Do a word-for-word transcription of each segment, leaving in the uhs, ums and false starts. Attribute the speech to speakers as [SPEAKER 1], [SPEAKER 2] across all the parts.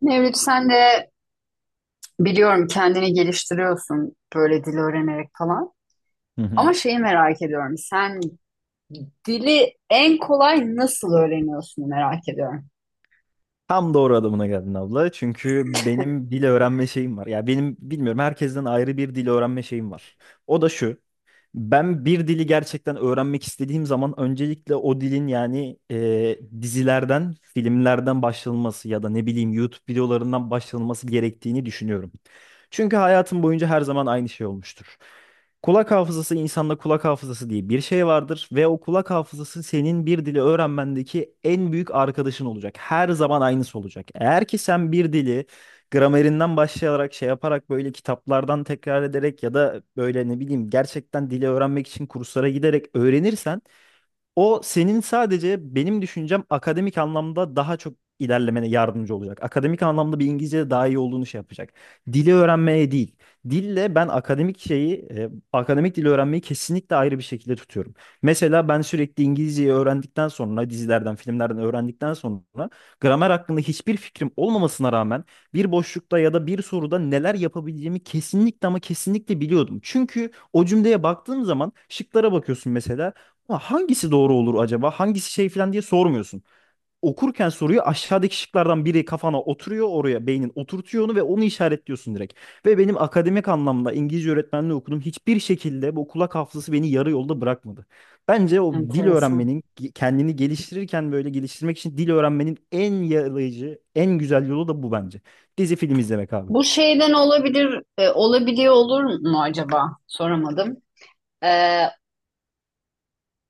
[SPEAKER 1] Mevlüt, sen de biliyorum kendini geliştiriyorsun böyle dil öğrenerek falan.
[SPEAKER 2] Hı hı.
[SPEAKER 1] Ama şeyi merak ediyorum. Sen dili en kolay nasıl öğreniyorsun merak ediyorum.
[SPEAKER 2] Tam doğru adamına geldin abla. Çünkü benim dil öğrenme şeyim var. Ya benim bilmiyorum herkesten ayrı bir dil öğrenme şeyim var. O da şu. Ben bir dili gerçekten öğrenmek istediğim zaman öncelikle o dilin yani e, dizilerden, filmlerden başlanması ya da ne bileyim YouTube videolarından başlanması gerektiğini düşünüyorum. Çünkü hayatım boyunca her zaman aynı şey olmuştur. Kulak hafızası insanda kulak hafızası diye bir şey vardır ve o kulak hafızası senin bir dili öğrenmendeki en büyük arkadaşın olacak. Her zaman aynısı olacak. Eğer ki sen bir dili gramerinden başlayarak şey yaparak böyle kitaplardan tekrar ederek ya da böyle ne bileyim gerçekten dili öğrenmek için kurslara giderek öğrenirsen o senin sadece benim düşüncem akademik anlamda daha çok ilerlemene yardımcı olacak. Akademik anlamda bir İngilizce daha iyi olduğunu şey yapacak. Dili öğrenmeye değil. Dille ben akademik şeyi, e, akademik dili öğrenmeyi kesinlikle ayrı bir şekilde tutuyorum. Mesela ben sürekli İngilizceyi öğrendikten sonra, dizilerden, filmlerden öğrendikten sonra gramer hakkında hiçbir fikrim olmamasına rağmen bir boşlukta ya da bir soruda neler yapabileceğimi kesinlikle ama kesinlikle biliyordum. Çünkü o cümleye baktığım zaman şıklara bakıyorsun mesela. Ha, hangisi doğru olur acaba? Hangisi şey falan diye sormuyorsun. Okurken soruyu aşağıdaki şıklardan biri kafana oturuyor, oraya beynin oturtuyor onu ve onu işaretliyorsun direkt. Ve benim akademik anlamda İngilizce öğretmenliği okudum. Hiçbir şekilde bu kulak hafızası beni yarı yolda bırakmadı. Bence o dil
[SPEAKER 1] Enteresan.
[SPEAKER 2] öğrenmenin kendini geliştirirken böyle geliştirmek için dil öğrenmenin en yarayıcı, en güzel yolu da bu bence. Dizi film izlemek abi.
[SPEAKER 1] Bu şeyden olabilir, e, olabiliyor olur mu acaba? Soramadım. E,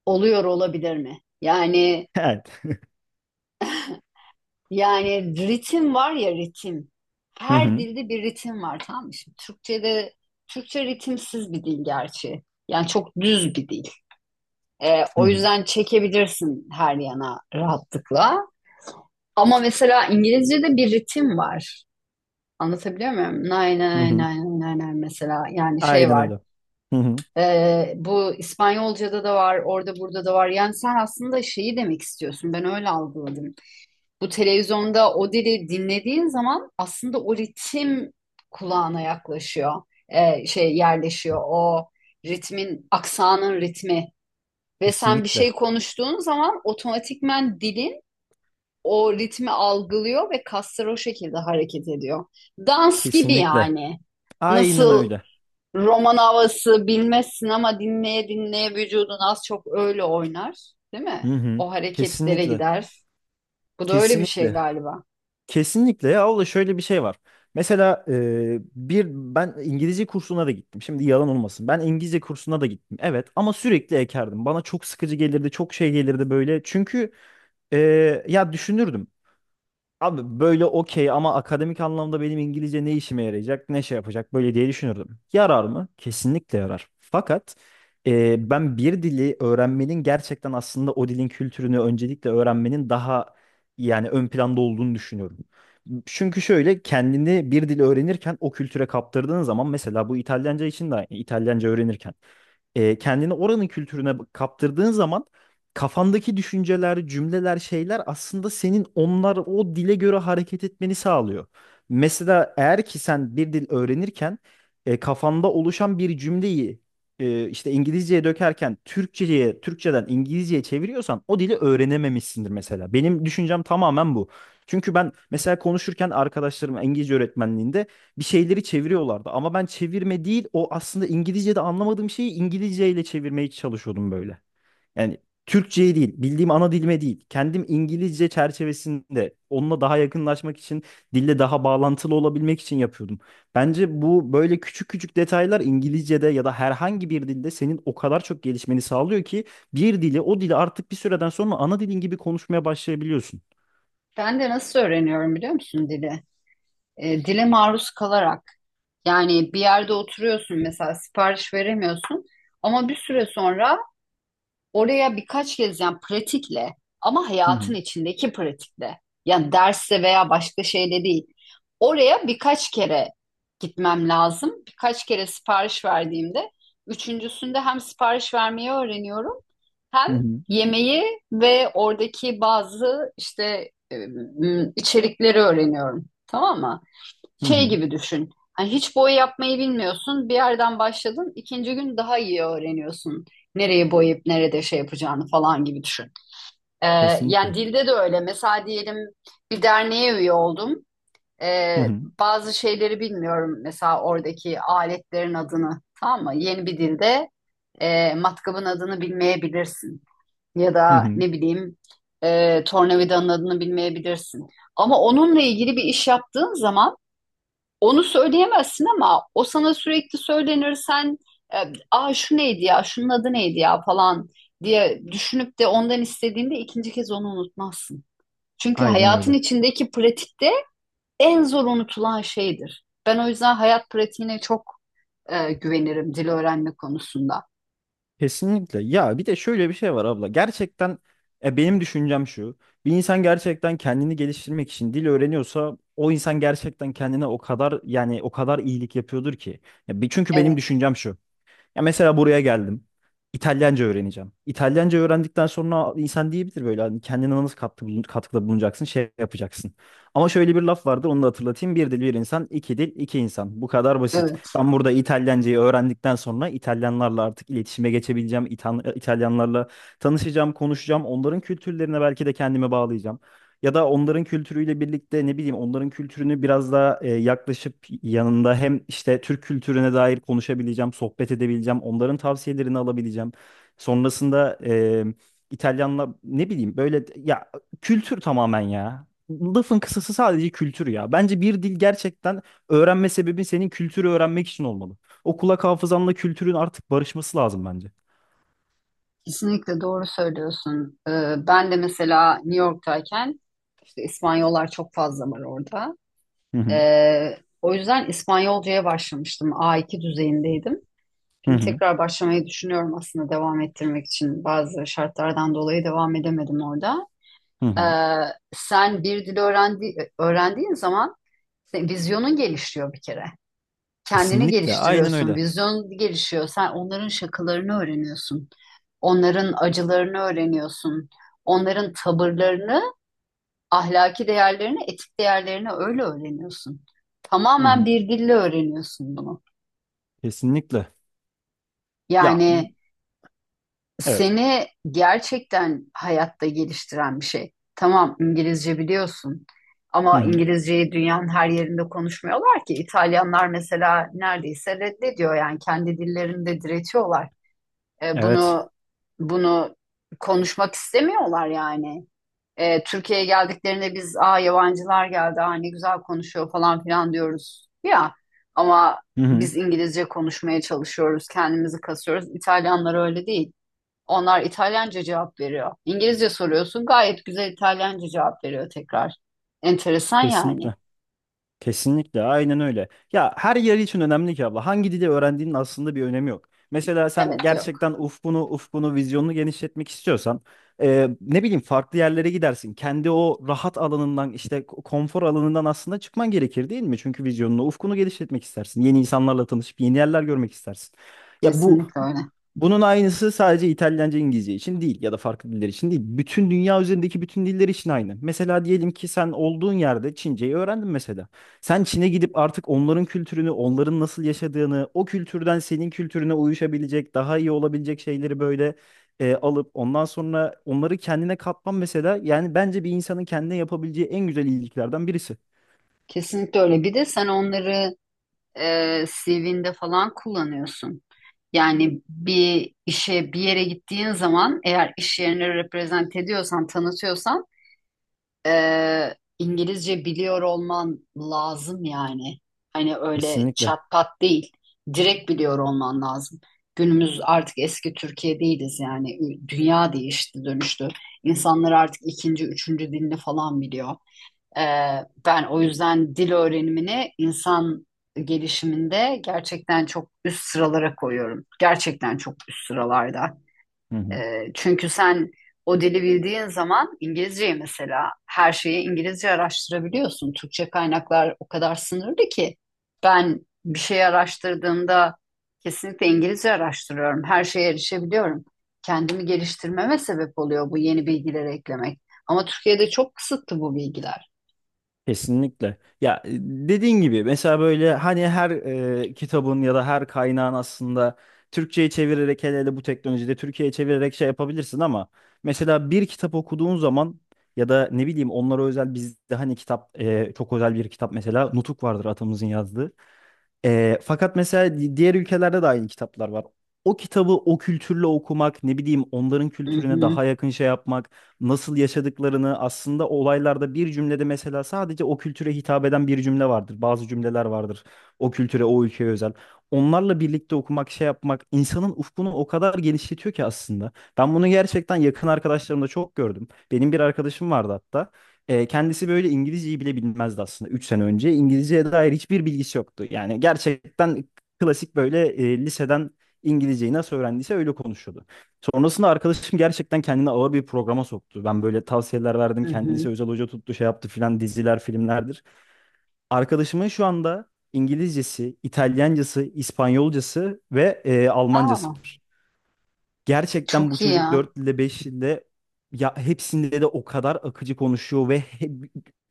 [SPEAKER 1] oluyor olabilir mi? Yani
[SPEAKER 2] Evet.
[SPEAKER 1] yani ritim var ya, ritim.
[SPEAKER 2] Hı
[SPEAKER 1] Her
[SPEAKER 2] hı.
[SPEAKER 1] dilde bir ritim var, tamam mı? Şimdi Türkçe'de Türkçe ritimsiz bir dil gerçi. Yani çok düz bir dil. Ee,
[SPEAKER 2] Hı
[SPEAKER 1] o
[SPEAKER 2] hı.
[SPEAKER 1] yüzden çekebilirsin her yana rahatlıkla. Ama mesela İngilizce'de bir ritim var. Anlatabiliyor muyum? Nay
[SPEAKER 2] Hı
[SPEAKER 1] nay
[SPEAKER 2] hı.
[SPEAKER 1] nay nay nay mesela, yani şey
[SPEAKER 2] Aynen
[SPEAKER 1] var.
[SPEAKER 2] öyle. Hı hı.
[SPEAKER 1] Ee, bu İspanyolca'da da var, orada burada da var. Yani sen aslında şeyi demek istiyorsun. Ben öyle algıladım. Bu televizyonda o dili dinlediğin zaman aslında o ritim kulağına yaklaşıyor. Ee, şey yerleşiyor. O ritmin, aksanın ritmi. Ve sen bir şey
[SPEAKER 2] Kesinlikle.
[SPEAKER 1] konuştuğun zaman otomatikmen dilin o ritmi algılıyor ve kaslar o şekilde hareket ediyor. Dans gibi
[SPEAKER 2] Kesinlikle.
[SPEAKER 1] yani.
[SPEAKER 2] Aynen
[SPEAKER 1] Nasıl
[SPEAKER 2] öyle.
[SPEAKER 1] roman havası bilmezsin ama dinleye dinleye vücudun az çok öyle oynar, değil mi?
[SPEAKER 2] Hı hı.
[SPEAKER 1] O hareketlere
[SPEAKER 2] Kesinlikle.
[SPEAKER 1] gider. Bu da öyle bir şey
[SPEAKER 2] Kesinlikle.
[SPEAKER 1] galiba.
[SPEAKER 2] Kesinlikle ya, o da şöyle bir şey var. Mesela e, bir ben İngilizce kursuna da gittim. Şimdi yalan olmasın. Ben İngilizce kursuna da gittim. Evet, ama sürekli ekerdim. Bana çok sıkıcı gelirdi, çok şey gelirdi böyle. Çünkü e, ya düşünürdüm. Abi böyle okey, ama akademik anlamda benim İngilizce ne işime yarayacak, ne şey yapacak böyle diye düşünürdüm. Yarar mı? Kesinlikle yarar. Fakat e, ben bir dili öğrenmenin gerçekten aslında o dilin kültürünü öncelikle öğrenmenin daha yani ön planda olduğunu düşünüyorum. Çünkü şöyle, kendini bir dil öğrenirken o kültüre kaptırdığın zaman mesela bu İtalyanca için de aynı. İtalyanca öğrenirken e, kendini oranın kültürüne kaptırdığın zaman kafandaki düşünceler, cümleler, şeyler aslında senin onlar o dile göre hareket etmeni sağlıyor. Mesela eğer ki sen bir dil öğrenirken e, kafanda oluşan bir cümleyi e, işte İngilizceye dökerken Türkçeye, Türkçeden İngilizceye çeviriyorsan o dili öğrenememişsindir mesela. Benim düşüncem tamamen bu. Çünkü ben mesela konuşurken arkadaşlarım İngilizce öğretmenliğinde bir şeyleri çeviriyorlardı. Ama ben çevirme değil, o aslında İngilizce'de anlamadığım şeyi İngilizce ile çevirmeye çalışıyordum böyle. Yani Türkçe'ye değil, bildiğim ana dilime değil. Kendim İngilizce çerçevesinde onunla daha yakınlaşmak için, dille daha bağlantılı olabilmek için yapıyordum. Bence bu böyle küçük küçük detaylar İngilizce'de ya da herhangi bir dilde senin o kadar çok gelişmeni sağlıyor ki bir dili, o dili artık bir süreden sonra ana dilin gibi konuşmaya başlayabiliyorsun.
[SPEAKER 1] Ben de nasıl öğreniyorum biliyor musun dili? E, dile maruz kalarak. Yani bir yerde oturuyorsun mesela, sipariş veremiyorsun ama bir süre sonra oraya birkaç kez, yani pratikle, ama
[SPEAKER 2] Hı
[SPEAKER 1] hayatın
[SPEAKER 2] hı.
[SPEAKER 1] içindeki pratikle, yani derste veya başka şeyle değil. Oraya birkaç kere gitmem lazım. Birkaç kere sipariş verdiğimde üçüncüsünde hem sipariş vermeyi öğreniyorum, hem
[SPEAKER 2] Hı hı.
[SPEAKER 1] yemeği ve oradaki bazı işte e, m, içerikleri öğreniyorum. Tamam mı?
[SPEAKER 2] Hı
[SPEAKER 1] Şey
[SPEAKER 2] hı.
[SPEAKER 1] gibi düşün. Hani hiç boya yapmayı bilmiyorsun. Bir yerden başladın. İkinci gün daha iyi öğreniyorsun. Nereye boyayıp nerede şey yapacağını falan gibi düşün. Ee, Yani
[SPEAKER 2] Kesinlikle.
[SPEAKER 1] dilde de öyle. Mesela diyelim bir derneğe üye oldum.
[SPEAKER 2] Hı
[SPEAKER 1] Ee,
[SPEAKER 2] hı.
[SPEAKER 1] Bazı şeyleri bilmiyorum. Mesela oradaki aletlerin adını. Tamam mı? Yeni bir dilde e, matkabın adını bilmeyebilirsin. Ya
[SPEAKER 2] Hı
[SPEAKER 1] da
[SPEAKER 2] hı.
[SPEAKER 1] ne bileyim, e, tornavidanın adını bilmeyebilirsin. Ama onunla ilgili bir iş yaptığın zaman onu söyleyemezsin ama o sana sürekli söylenir, sen e, aa şu neydi ya, şunun adı neydi ya falan diye düşünüp de ondan istediğinde ikinci kez onu unutmazsın. Çünkü
[SPEAKER 2] Aynen
[SPEAKER 1] hayatın
[SPEAKER 2] öyle.
[SPEAKER 1] içindeki pratikte en zor unutulan şeydir. Ben o yüzden hayat pratiğine çok e, güvenirim dil öğrenme konusunda.
[SPEAKER 2] Kesinlikle. Ya bir de şöyle bir şey var abla. Gerçekten e, benim düşüncem şu. Bir insan gerçekten kendini geliştirmek için dil öğreniyorsa o insan gerçekten kendine o kadar yani o kadar iyilik yapıyordur ki. Ya, bir- çünkü benim
[SPEAKER 1] Evet,
[SPEAKER 2] düşüncem şu. Ya mesela buraya geldim. İtalyanca öğreneceğim. İtalyanca öğrendikten sonra insan diyebilir böyle, hani kendine nasıl katkı bulun- katkıda bulunacaksın, şey yapacaksın. Ama şöyle bir laf vardır, onu da hatırlatayım. Bir dil bir insan, iki dil iki insan. Bu kadar basit.
[SPEAKER 1] evet.
[SPEAKER 2] Ben burada İtalyancayı öğrendikten sonra İtalyanlarla artık iletişime geçebileceğim. İtan- İtalyanlarla tanışacağım, konuşacağım. Onların kültürlerine belki de kendimi bağlayacağım. Ya da onların kültürüyle birlikte ne bileyim, onların kültürünü biraz daha e, yaklaşıp yanında hem işte Türk kültürüne dair konuşabileceğim, sohbet edebileceğim, onların tavsiyelerini alabileceğim. Sonrasında e, İtalyanla ne bileyim böyle ya, kültür tamamen ya. Lafın kısası sadece kültür ya. Bence bir dil gerçekten, öğrenme sebebin senin kültürü öğrenmek için olmalı. O kulak hafızanla kültürün artık barışması lazım bence.
[SPEAKER 1] Kesinlikle doğru söylüyorsun. Ee, ben de mesela New York'tayken İşte İspanyollar çok fazla var orada.
[SPEAKER 2] Hı hı.
[SPEAKER 1] Ee, o yüzden İspanyolcaya başlamıştım. A iki düzeyindeydim.
[SPEAKER 2] Hı
[SPEAKER 1] Şimdi
[SPEAKER 2] hı.
[SPEAKER 1] tekrar başlamayı düşünüyorum aslında, devam ettirmek için. Bazı şartlardan dolayı devam edemedim orada.
[SPEAKER 2] Hı
[SPEAKER 1] Ee,
[SPEAKER 2] hı.
[SPEAKER 1] sen bir dil öğrendi, öğrendiğin zaman senin vizyonun gelişiyor bir kere. Kendini
[SPEAKER 2] Kesinlikle. Aynen
[SPEAKER 1] geliştiriyorsun,
[SPEAKER 2] öyle.
[SPEAKER 1] vizyon gelişiyor. Sen onların şakalarını öğreniyorsun. Onların acılarını öğreniyorsun. Onların tavırlarını, ahlaki değerlerini, etik değerlerini öyle öğreniyorsun.
[SPEAKER 2] Hı
[SPEAKER 1] Tamamen
[SPEAKER 2] hı.
[SPEAKER 1] bir dille öğreniyorsun bunu.
[SPEAKER 2] Kesinlikle. Ya
[SPEAKER 1] Yani
[SPEAKER 2] Evet.
[SPEAKER 1] seni gerçekten hayatta geliştiren bir şey. Tamam, İngilizce biliyorsun
[SPEAKER 2] Hı
[SPEAKER 1] ama
[SPEAKER 2] hı.
[SPEAKER 1] İngilizceyi dünyanın her yerinde konuşmuyorlar ki. İtalyanlar mesela neredeyse reddediyor, yani kendi dillerinde diretiyorlar. E,
[SPEAKER 2] Evet.
[SPEAKER 1] bunu bunu konuşmak istemiyorlar yani. E, Türkiye'ye geldiklerinde biz aa yabancılar geldi, aa ne güzel konuşuyor falan filan diyoruz ya, ama
[SPEAKER 2] Hı hı.
[SPEAKER 1] biz İngilizce konuşmaya çalışıyoruz, kendimizi kasıyoruz. İtalyanlar öyle değil, onlar İtalyanca cevap veriyor, İngilizce soruyorsun gayet güzel İtalyanca cevap veriyor tekrar. Enteresan yani.
[SPEAKER 2] Kesinlikle. Kesinlikle. Aynen öyle. Ya her yer için önemli ki abla. Hangi dili öğrendiğinin aslında bir önemi yok. Mesela sen
[SPEAKER 1] Evet, yok,
[SPEAKER 2] gerçekten ufkunu, ufkunu, vizyonunu genişletmek istiyorsan e, ne bileyim farklı yerlere gidersin. Kendi o rahat alanından, işte ko- konfor alanından aslında çıkman gerekir değil mi? Çünkü vizyonunu, ufkunu genişletmek istersin. Yeni insanlarla tanışıp yeni yerler görmek istersin. Ya bu
[SPEAKER 1] kesinlikle öyle.
[SPEAKER 2] Bunun aynısı sadece İtalyanca, İngilizce için değil ya da farklı diller için değil. Bütün dünya üzerindeki bütün diller için aynı. Mesela diyelim ki sen olduğun yerde Çince'yi öğrendin mesela. Sen Çin'e gidip artık onların kültürünü, onların nasıl yaşadığını, o kültürden senin kültürüne uyuşabilecek, daha iyi olabilecek şeyleri böyle e, alıp ondan sonra onları kendine katman mesela, yani bence bir insanın kendine yapabileceği en güzel iyiliklerden birisi.
[SPEAKER 1] Kesinlikle öyle, bir de sen onları e, C V'nde falan kullanıyorsun. Yani bir işe bir yere gittiğin zaman, eğer iş yerini reprezent ediyorsan, tanıtıyorsan, e, İngilizce biliyor olman lazım yani. Hani öyle
[SPEAKER 2] Kesinlikle.
[SPEAKER 1] çat pat değil. Direkt biliyor olman lazım. Günümüz artık eski Türkiye değiliz yani. Ü- dünya değişti, dönüştü. İnsanlar artık ikinci, üçüncü dilini falan biliyor. Ee, Ben o yüzden dil öğrenimini insan gelişiminde gerçekten çok üst sıralara koyuyorum. Gerçekten çok üst sıralarda.
[SPEAKER 2] Hı hı.
[SPEAKER 1] Ee, çünkü sen o dili bildiğin zaman, İngilizceyi mesela, her şeyi İngilizce araştırabiliyorsun. Türkçe kaynaklar o kadar sınırlı ki ben bir şey araştırdığımda kesinlikle İngilizce araştırıyorum. Her şeye erişebiliyorum. Kendimi geliştirmeme sebep oluyor bu, yeni bilgileri eklemek. Ama Türkiye'de çok kısıtlı bu bilgiler.
[SPEAKER 2] Kesinlikle. Ya e, dediğin gibi mesela böyle hani her e, kitabın ya da her kaynağın aslında Türkçe'ye çevirerek, hele hele bu teknolojide Türkiye'ye çevirerek şey yapabilirsin, ama mesela bir kitap okuduğun zaman ya da ne bileyim onlara özel bizde hani kitap, e, çok özel bir kitap mesela Nutuk vardır atamızın yazdığı. Ee, fakat mesela di- diğer ülkelerde de aynı kitaplar var. O kitabı o kültürle okumak, ne bileyim onların
[SPEAKER 1] Hı
[SPEAKER 2] kültürüne
[SPEAKER 1] hı,
[SPEAKER 2] daha yakın şey yapmak, nasıl yaşadıklarını aslında olaylarda bir cümlede mesela sadece o kültüre hitap eden bir cümle vardır. Bazı cümleler vardır o kültüre, o ülkeye özel. Onlarla birlikte okumak, şey yapmak insanın ufkunu o kadar genişletiyor ki aslında. Ben bunu gerçekten yakın arkadaşlarımda çok gördüm. Benim bir arkadaşım vardı hatta. E, kendisi böyle İngilizceyi bile bilmezdi aslında üç sene önce. İngilizceye dair hiçbir bilgisi yoktu. Yani gerçekten klasik böyle e, liseden İngilizceyi nasıl öğrendiyse öyle konuşuyordu. Sonrasında arkadaşım gerçekten kendini ağır bir programa soktu. Ben böyle tavsiyeler verdim.
[SPEAKER 1] hı hı.
[SPEAKER 2] Kendisi özel hoca tuttu, şey yaptı filan, diziler, filmlerdir. Arkadaşımın şu anda İngilizcesi, İtalyancası, İspanyolcası ve e, Almancası
[SPEAKER 1] Aa,
[SPEAKER 2] var. Gerçekten bu
[SPEAKER 1] çok iyi
[SPEAKER 2] çocuk
[SPEAKER 1] ya.
[SPEAKER 2] dört dilde beş dilde ya hepsinde de o kadar akıcı konuşuyor ve he-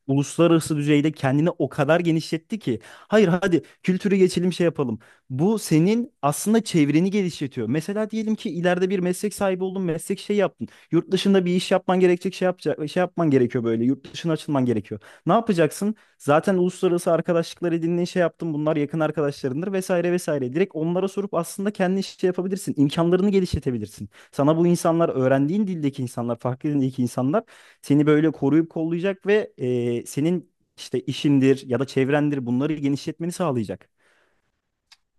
[SPEAKER 2] uluslararası düzeyde kendini o kadar genişletti ki. Hayır hadi, kültürü geçelim, şey yapalım. Bu senin aslında çevreni geliştiriyor. Mesela diyelim ki ileride bir meslek sahibi oldun, meslek şey yaptın. Yurt dışında bir iş yapman gerekecek, şey yapacak, şey yapman gerekiyor böyle. Yurt dışına açılman gerekiyor. Ne yapacaksın? Zaten uluslararası arkadaşlıklar edindiğin, şey yaptın. Bunlar yakın arkadaşlarındır vesaire vesaire. Direkt onlara sorup aslında kendi şey yapabilirsin. İmkanlarını geliştirebilirsin. Sana bu insanlar, öğrendiğin dildeki insanlar, farklı dildeki insanlar seni böyle koruyup kollayacak ve e, senin işte işindir ya da çevrendir, bunları genişletmeni sağlayacak.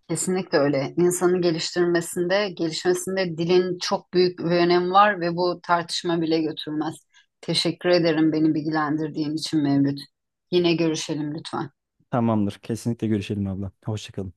[SPEAKER 1] Kesinlikle öyle. İnsanı geliştirmesinde, gelişmesinde dilin çok büyük bir önemi var ve bu tartışma bile götürmez. Teşekkür ederim beni bilgilendirdiğin için Mevlüt. Yine görüşelim lütfen.
[SPEAKER 2] Tamamdır. Kesinlikle görüşelim abla. Hoşça kalın.